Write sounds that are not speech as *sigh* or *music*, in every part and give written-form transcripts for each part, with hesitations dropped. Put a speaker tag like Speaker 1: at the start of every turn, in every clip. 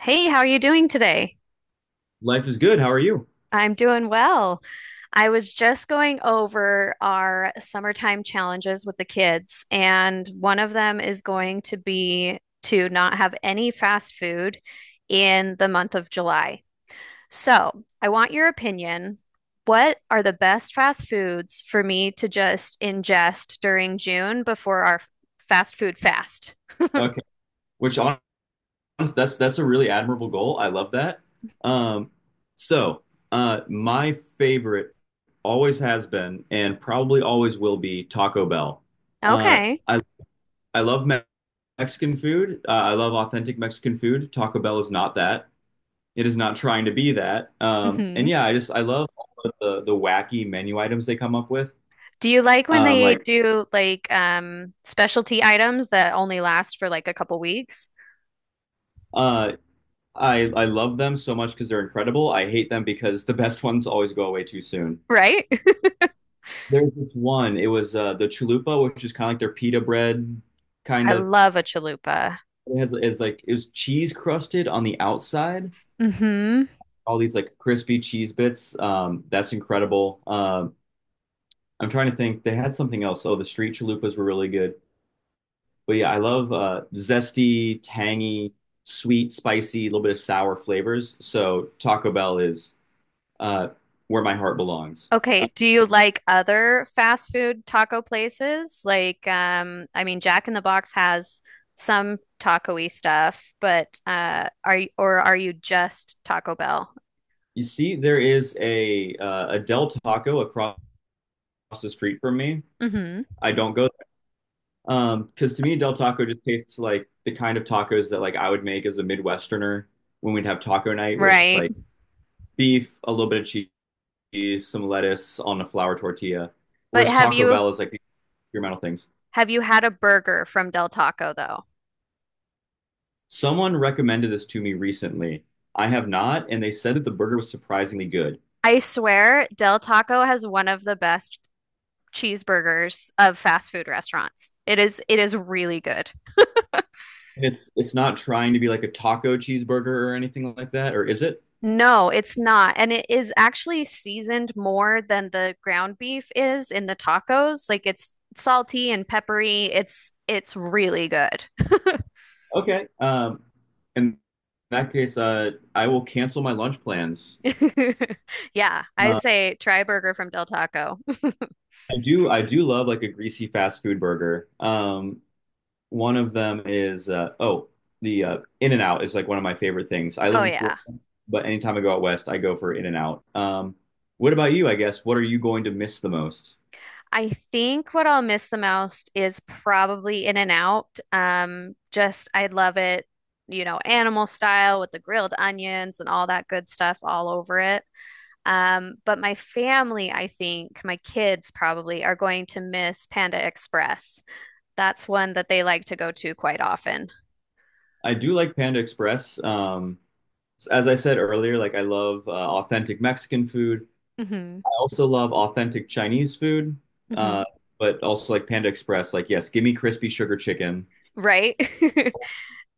Speaker 1: Hey, how are you doing today?
Speaker 2: Life is good. How are you?
Speaker 1: I'm doing well. I was just going over our summertime challenges with the kids, and one of them is going to be to not have any fast food in the month of July. So, I want your opinion. What are the best fast foods for me to just ingest during June before our fast food fast?
Speaker 2: Okay. Which honest, that's a really admirable goal. I love that. Um, so my favorite always has been and probably always will be Taco Bell. Uh,
Speaker 1: Okay.
Speaker 2: I I love Mexican food. I love authentic Mexican food. Taco Bell is not that. It is not trying to be that. And
Speaker 1: Mm-hmm.
Speaker 2: yeah, I just I love all of the wacky menu items they come up with.
Speaker 1: Do you like when
Speaker 2: Um,
Speaker 1: they
Speaker 2: like.
Speaker 1: do like specialty items that only last for like a couple weeks?
Speaker 2: uh. I love them so much because they're incredible. I hate them because the *laughs* best ones always go away too soon.
Speaker 1: Right?
Speaker 2: There's this one. It was the chalupa, which is kind of like their pita bread,
Speaker 1: *laughs*
Speaker 2: kind
Speaker 1: I
Speaker 2: of.
Speaker 1: love a chalupa.
Speaker 2: It has is like it was cheese crusted on the outside.
Speaker 1: Mm-hmm.
Speaker 2: All these like crispy cheese bits. That's incredible. I'm trying to think. They had something else. Oh, the street chalupas were really good. But yeah, I love zesty, tangy, sweet, spicy, a little bit of sour flavors. So Taco Bell is uh, where my heart belongs.
Speaker 1: Okay, do you like other fast food taco places? Like I mean Jack in the Box has some taco-y stuff, but are you or are you just Taco Bell?
Speaker 2: You see, there is a Del Taco across the street from me.
Speaker 1: Mm-hmm.
Speaker 2: I don't go there. Because to me, Del Taco just tastes like the kind of tacos that like I would make as a Midwesterner when we'd have taco night, where it's just
Speaker 1: Right.
Speaker 2: like beef, a little bit of cheese, some lettuce on a flour tortilla.
Speaker 1: But
Speaker 2: Whereas
Speaker 1: have
Speaker 2: Taco
Speaker 1: you
Speaker 2: Bell is like these experimental things.
Speaker 1: have you had a burger from Del Taco though?
Speaker 2: Someone recommended this to me recently. I have not, and they said that the burger was surprisingly good.
Speaker 1: I swear Del Taco has one of the best cheeseburgers of fast food restaurants. It is really good.
Speaker 2: And it's not trying to be like a taco cheeseburger or anything like that, or is it?
Speaker 1: No, it's not. And it is actually seasoned more than the ground beef is in the tacos. Like it's salty and peppery. It's really good.
Speaker 2: Okay. In that case, I will cancel my lunch plans.
Speaker 1: *laughs* Yeah, I
Speaker 2: Uh,
Speaker 1: say try burger from Del Taco. *laughs*
Speaker 2: I do love like a greasy fast food burger. One of them is oh, the In-N-Out is like one of my favorite things. I live
Speaker 1: Oh
Speaker 2: in Florida,
Speaker 1: yeah.
Speaker 2: but anytime I go out west, I go for In-N-Out. What about you, I guess? What are you going to miss the most?
Speaker 1: I think what I'll miss the most is probably In-N-Out. Just I love it, you know, animal style with the grilled onions and all that good stuff all over it. But my family, I think, my kids probably are going to miss Panda Express. That's one that they like to go to quite often.
Speaker 2: I do like Panda Express. As I said earlier, like I love authentic Mexican food.
Speaker 1: Hmm.
Speaker 2: I also love authentic Chinese food, uh,
Speaker 1: Hmm.
Speaker 2: but also like Panda Express. Like, yes, give me crispy sugar chicken.
Speaker 1: Right? *laughs*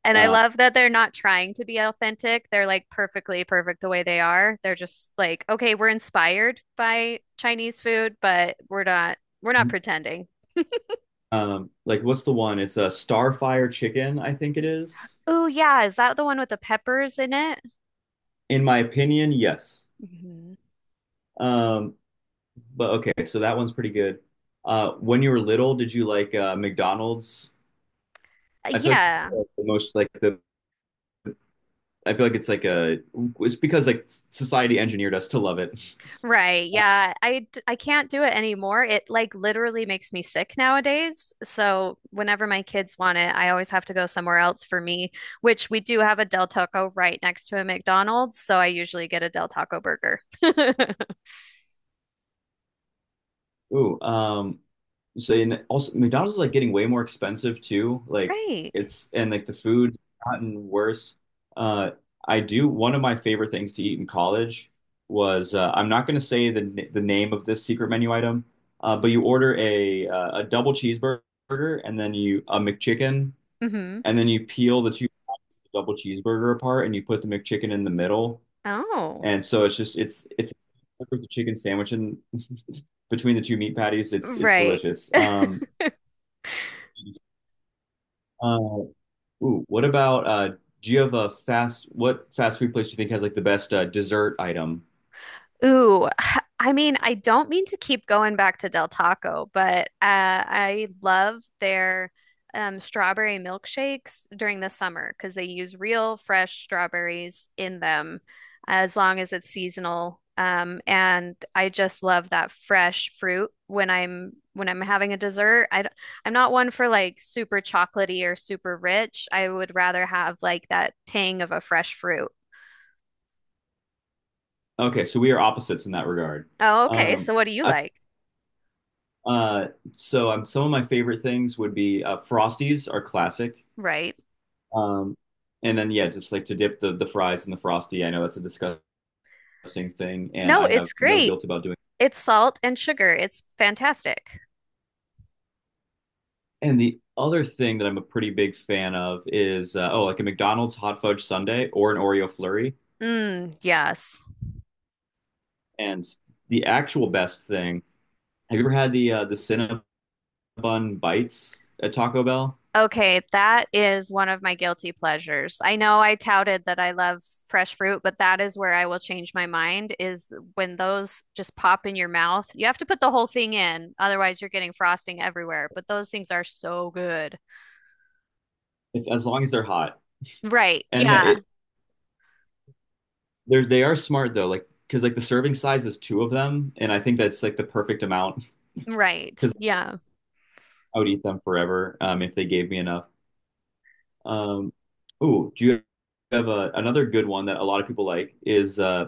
Speaker 1: And I
Speaker 2: Uh,
Speaker 1: love that they're not trying to be authentic. They're like perfectly perfect the way they are. They're just like, okay, we're inspired by Chinese food, but we're not pretending.
Speaker 2: like, what's the one? It's a Starfire chicken, I think it is.
Speaker 1: Oh yeah, is that the one with the peppers in it?
Speaker 2: In my opinion, yes.
Speaker 1: Hmm.
Speaker 2: Um, but okay, so that one's pretty good. When you were little, did you like McDonald's? I feel like it's
Speaker 1: Yeah.
Speaker 2: like, the most like the. I feel like it's like a. It's because like society engineered us to love it.
Speaker 1: Right.
Speaker 2: Uh,
Speaker 1: Yeah. I can't do it anymore. It like literally makes me sick nowadays. So whenever my kids want it, I always have to go somewhere else for me, which we do have a Del Taco right next to a McDonald's, so I usually get a Del Taco burger. *laughs*
Speaker 2: ooh, um, So and also McDonald's is like getting way more expensive too. Like
Speaker 1: Right.
Speaker 2: it's and like the food's gotten worse. Uh, I do one of my favorite things to eat in college was I'm not going to say the name of this secret menu item, but you order a double cheeseburger and then you a McChicken
Speaker 1: Mm-hmm.
Speaker 2: and then you peel the two sides of the double cheeseburger apart and you put the McChicken in the middle.
Speaker 1: Oh,
Speaker 2: And so it's just it's with the chicken sandwich in between the two meat patties. It's
Speaker 1: right.
Speaker 2: delicious.
Speaker 1: *laughs*
Speaker 2: Uh, what about do you have a fast what fast food place do you think has like the best dessert item?
Speaker 1: Ooh, *sighs* I mean, I don't mean to keep going back to Del Taco, but I love their strawberry milkshakes during the summer because they use real fresh strawberries in them as long as it's seasonal. And I just love that fresh fruit when I'm having a dessert. I'm not one for like super chocolatey or super rich. I would rather have like that tang of a fresh fruit.
Speaker 2: Okay, so we are opposites in that regard.
Speaker 1: Oh, okay.
Speaker 2: Um,
Speaker 1: So what do you
Speaker 2: I
Speaker 1: like?
Speaker 2: uh, so Some of my favorite things would be Frosties are classic.
Speaker 1: Right.
Speaker 2: Um, and then yeah, just like to dip the fries in the Frosty. I know that's a disgusting thing, and
Speaker 1: No,
Speaker 2: I have
Speaker 1: it's
Speaker 2: no
Speaker 1: great.
Speaker 2: guilt about doing it.
Speaker 1: It's salt and sugar. It's fantastic.
Speaker 2: And the other thing that I'm a pretty big fan of is like a McDonald's hot fudge sundae or an Oreo flurry.
Speaker 1: Mm, yes.
Speaker 2: And the actual best thing, have you ever had the Cinnabon bites at Taco Bell?
Speaker 1: Okay, that is one of my guilty pleasures. I know I touted that I love fresh fruit, but that is where I will change my mind is when those just pop in your mouth. You have to put the whole thing in, otherwise you're getting frosting everywhere, but those things are so good.
Speaker 2: If- as long as they're hot.
Speaker 1: Right.
Speaker 2: And yeah,
Speaker 1: Yeah.
Speaker 2: they are smart though, like because like the serving size is two of them, and I think that's like the perfect amount
Speaker 1: Right.
Speaker 2: because
Speaker 1: Yeah.
Speaker 2: I would eat them forever if they gave me enough. Um, do you have another good one that a lot of people like is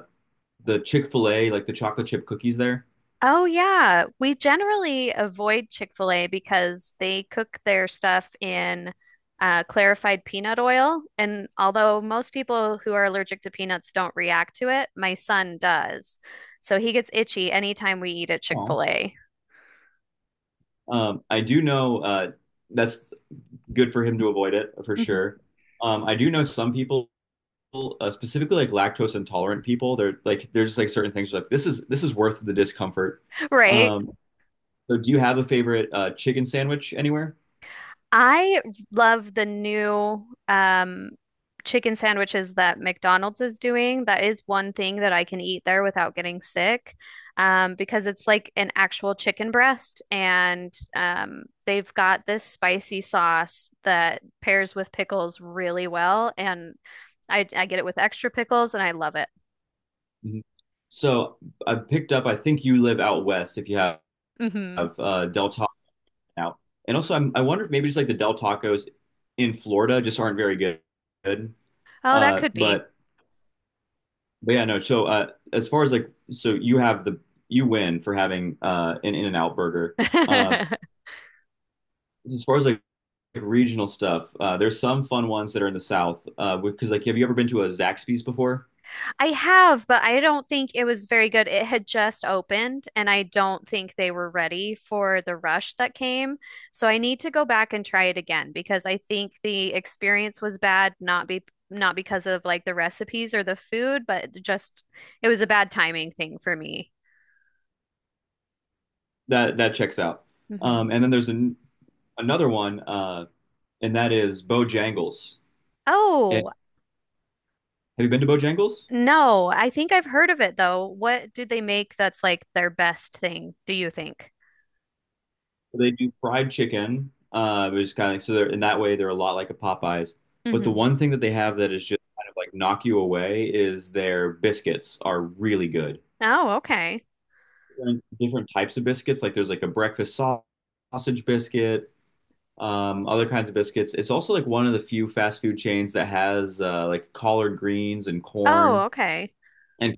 Speaker 2: the Chick-fil-A, like the chocolate chip cookies there?
Speaker 1: Oh, yeah. We generally avoid Chick-fil-A because they cook their stuff in clarified peanut oil. And although most people who are allergic to peanuts don't react to it, my son does. So he gets itchy anytime we eat at
Speaker 2: Oh.
Speaker 1: Chick-fil-A.
Speaker 2: I do know that's good for him to avoid it for
Speaker 1: *laughs*
Speaker 2: sure. I do know some people, specifically like lactose intolerant people, they're like there's like certain things like this is worth the discomfort.
Speaker 1: Right?
Speaker 2: Um, so do you have a favorite chicken sandwich anywhere?
Speaker 1: I love the new chicken sandwiches that McDonald's is doing. That is one thing that I can eat there without getting sick, because it's like an actual chicken breast, and they've got this spicy sauce that pairs with pickles really well, and I get it with extra pickles, and I love it.
Speaker 2: Mhm. So I picked up. I think you live out west. If you have,
Speaker 1: Hmm.
Speaker 2: have Del Taco. Out. And also, I wonder if maybe just like the Del Tacos in Florida just aren't very good. Good.
Speaker 1: Oh, that
Speaker 2: Uh,
Speaker 1: could be.
Speaker 2: but but yeah, no. As far as like, so you have the you win for having an In-N-Out burger. Um,
Speaker 1: *laughs*
Speaker 2: as far as like regional stuff, there's some fun ones that are in the South. Because like, have you ever been to a Zaxby's before?
Speaker 1: I have, but I don't think it was very good. It had just opened, and I don't think they were ready for the rush that came. So I need to go back and try it again because I think the experience was bad, not because of like the recipes or the food, but just it was a bad timing thing for me.
Speaker 2: That that checks out.
Speaker 1: Hmm.
Speaker 2: And then there's an, Another one, and that is Bojangles. And,
Speaker 1: Oh,
Speaker 2: have you been to Bojangles?
Speaker 1: no, I think I've heard of it though. What did they make that's like their best thing, do you think?
Speaker 2: They do fried chicken, which is kind of like, so they're in that way they're a lot like a Popeyes. But the
Speaker 1: Hmm.
Speaker 2: one thing that they have that is just kind of like knock you away is their biscuits are really good.
Speaker 1: Oh, okay.
Speaker 2: Different types of biscuits, like there's like a breakfast sausage biscuit, other kinds of biscuits. It's also like one of the few fast food chains that has like collard greens and
Speaker 1: Oh,
Speaker 2: corn
Speaker 1: okay.
Speaker 2: and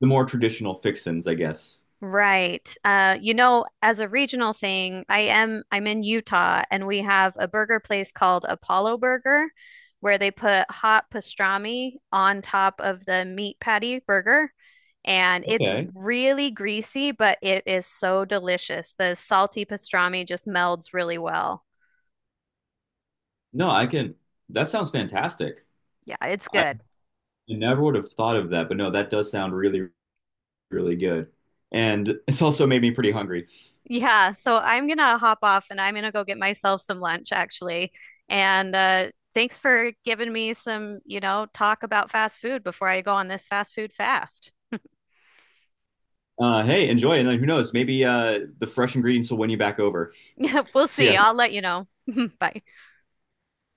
Speaker 2: the more traditional fixins, I guess.
Speaker 1: Right. You know, as a regional thing, I'm in Utah and we have a burger place called Apollo Burger where they put hot pastrami on top of the meat patty burger and it's
Speaker 2: Okay.
Speaker 1: really greasy, but it is so delicious. The salty pastrami just melds really well.
Speaker 2: No, I can. That sounds fantastic.
Speaker 1: Yeah, it's
Speaker 2: I
Speaker 1: good.
Speaker 2: never would have thought of that, but no, that does sound really really good. And it's also made me pretty hungry.
Speaker 1: Yeah, so I'm gonna hop off and I'm gonna go get myself some lunch actually. And thanks for giving me some, you know, talk about fast food before I go on this fast food fast.
Speaker 2: Hey, enjoy, and who knows? Maybe the fresh ingredients will win you back over.
Speaker 1: *laughs* We'll
Speaker 2: See
Speaker 1: see.
Speaker 2: ya.
Speaker 1: I'll let you know. *laughs* Bye.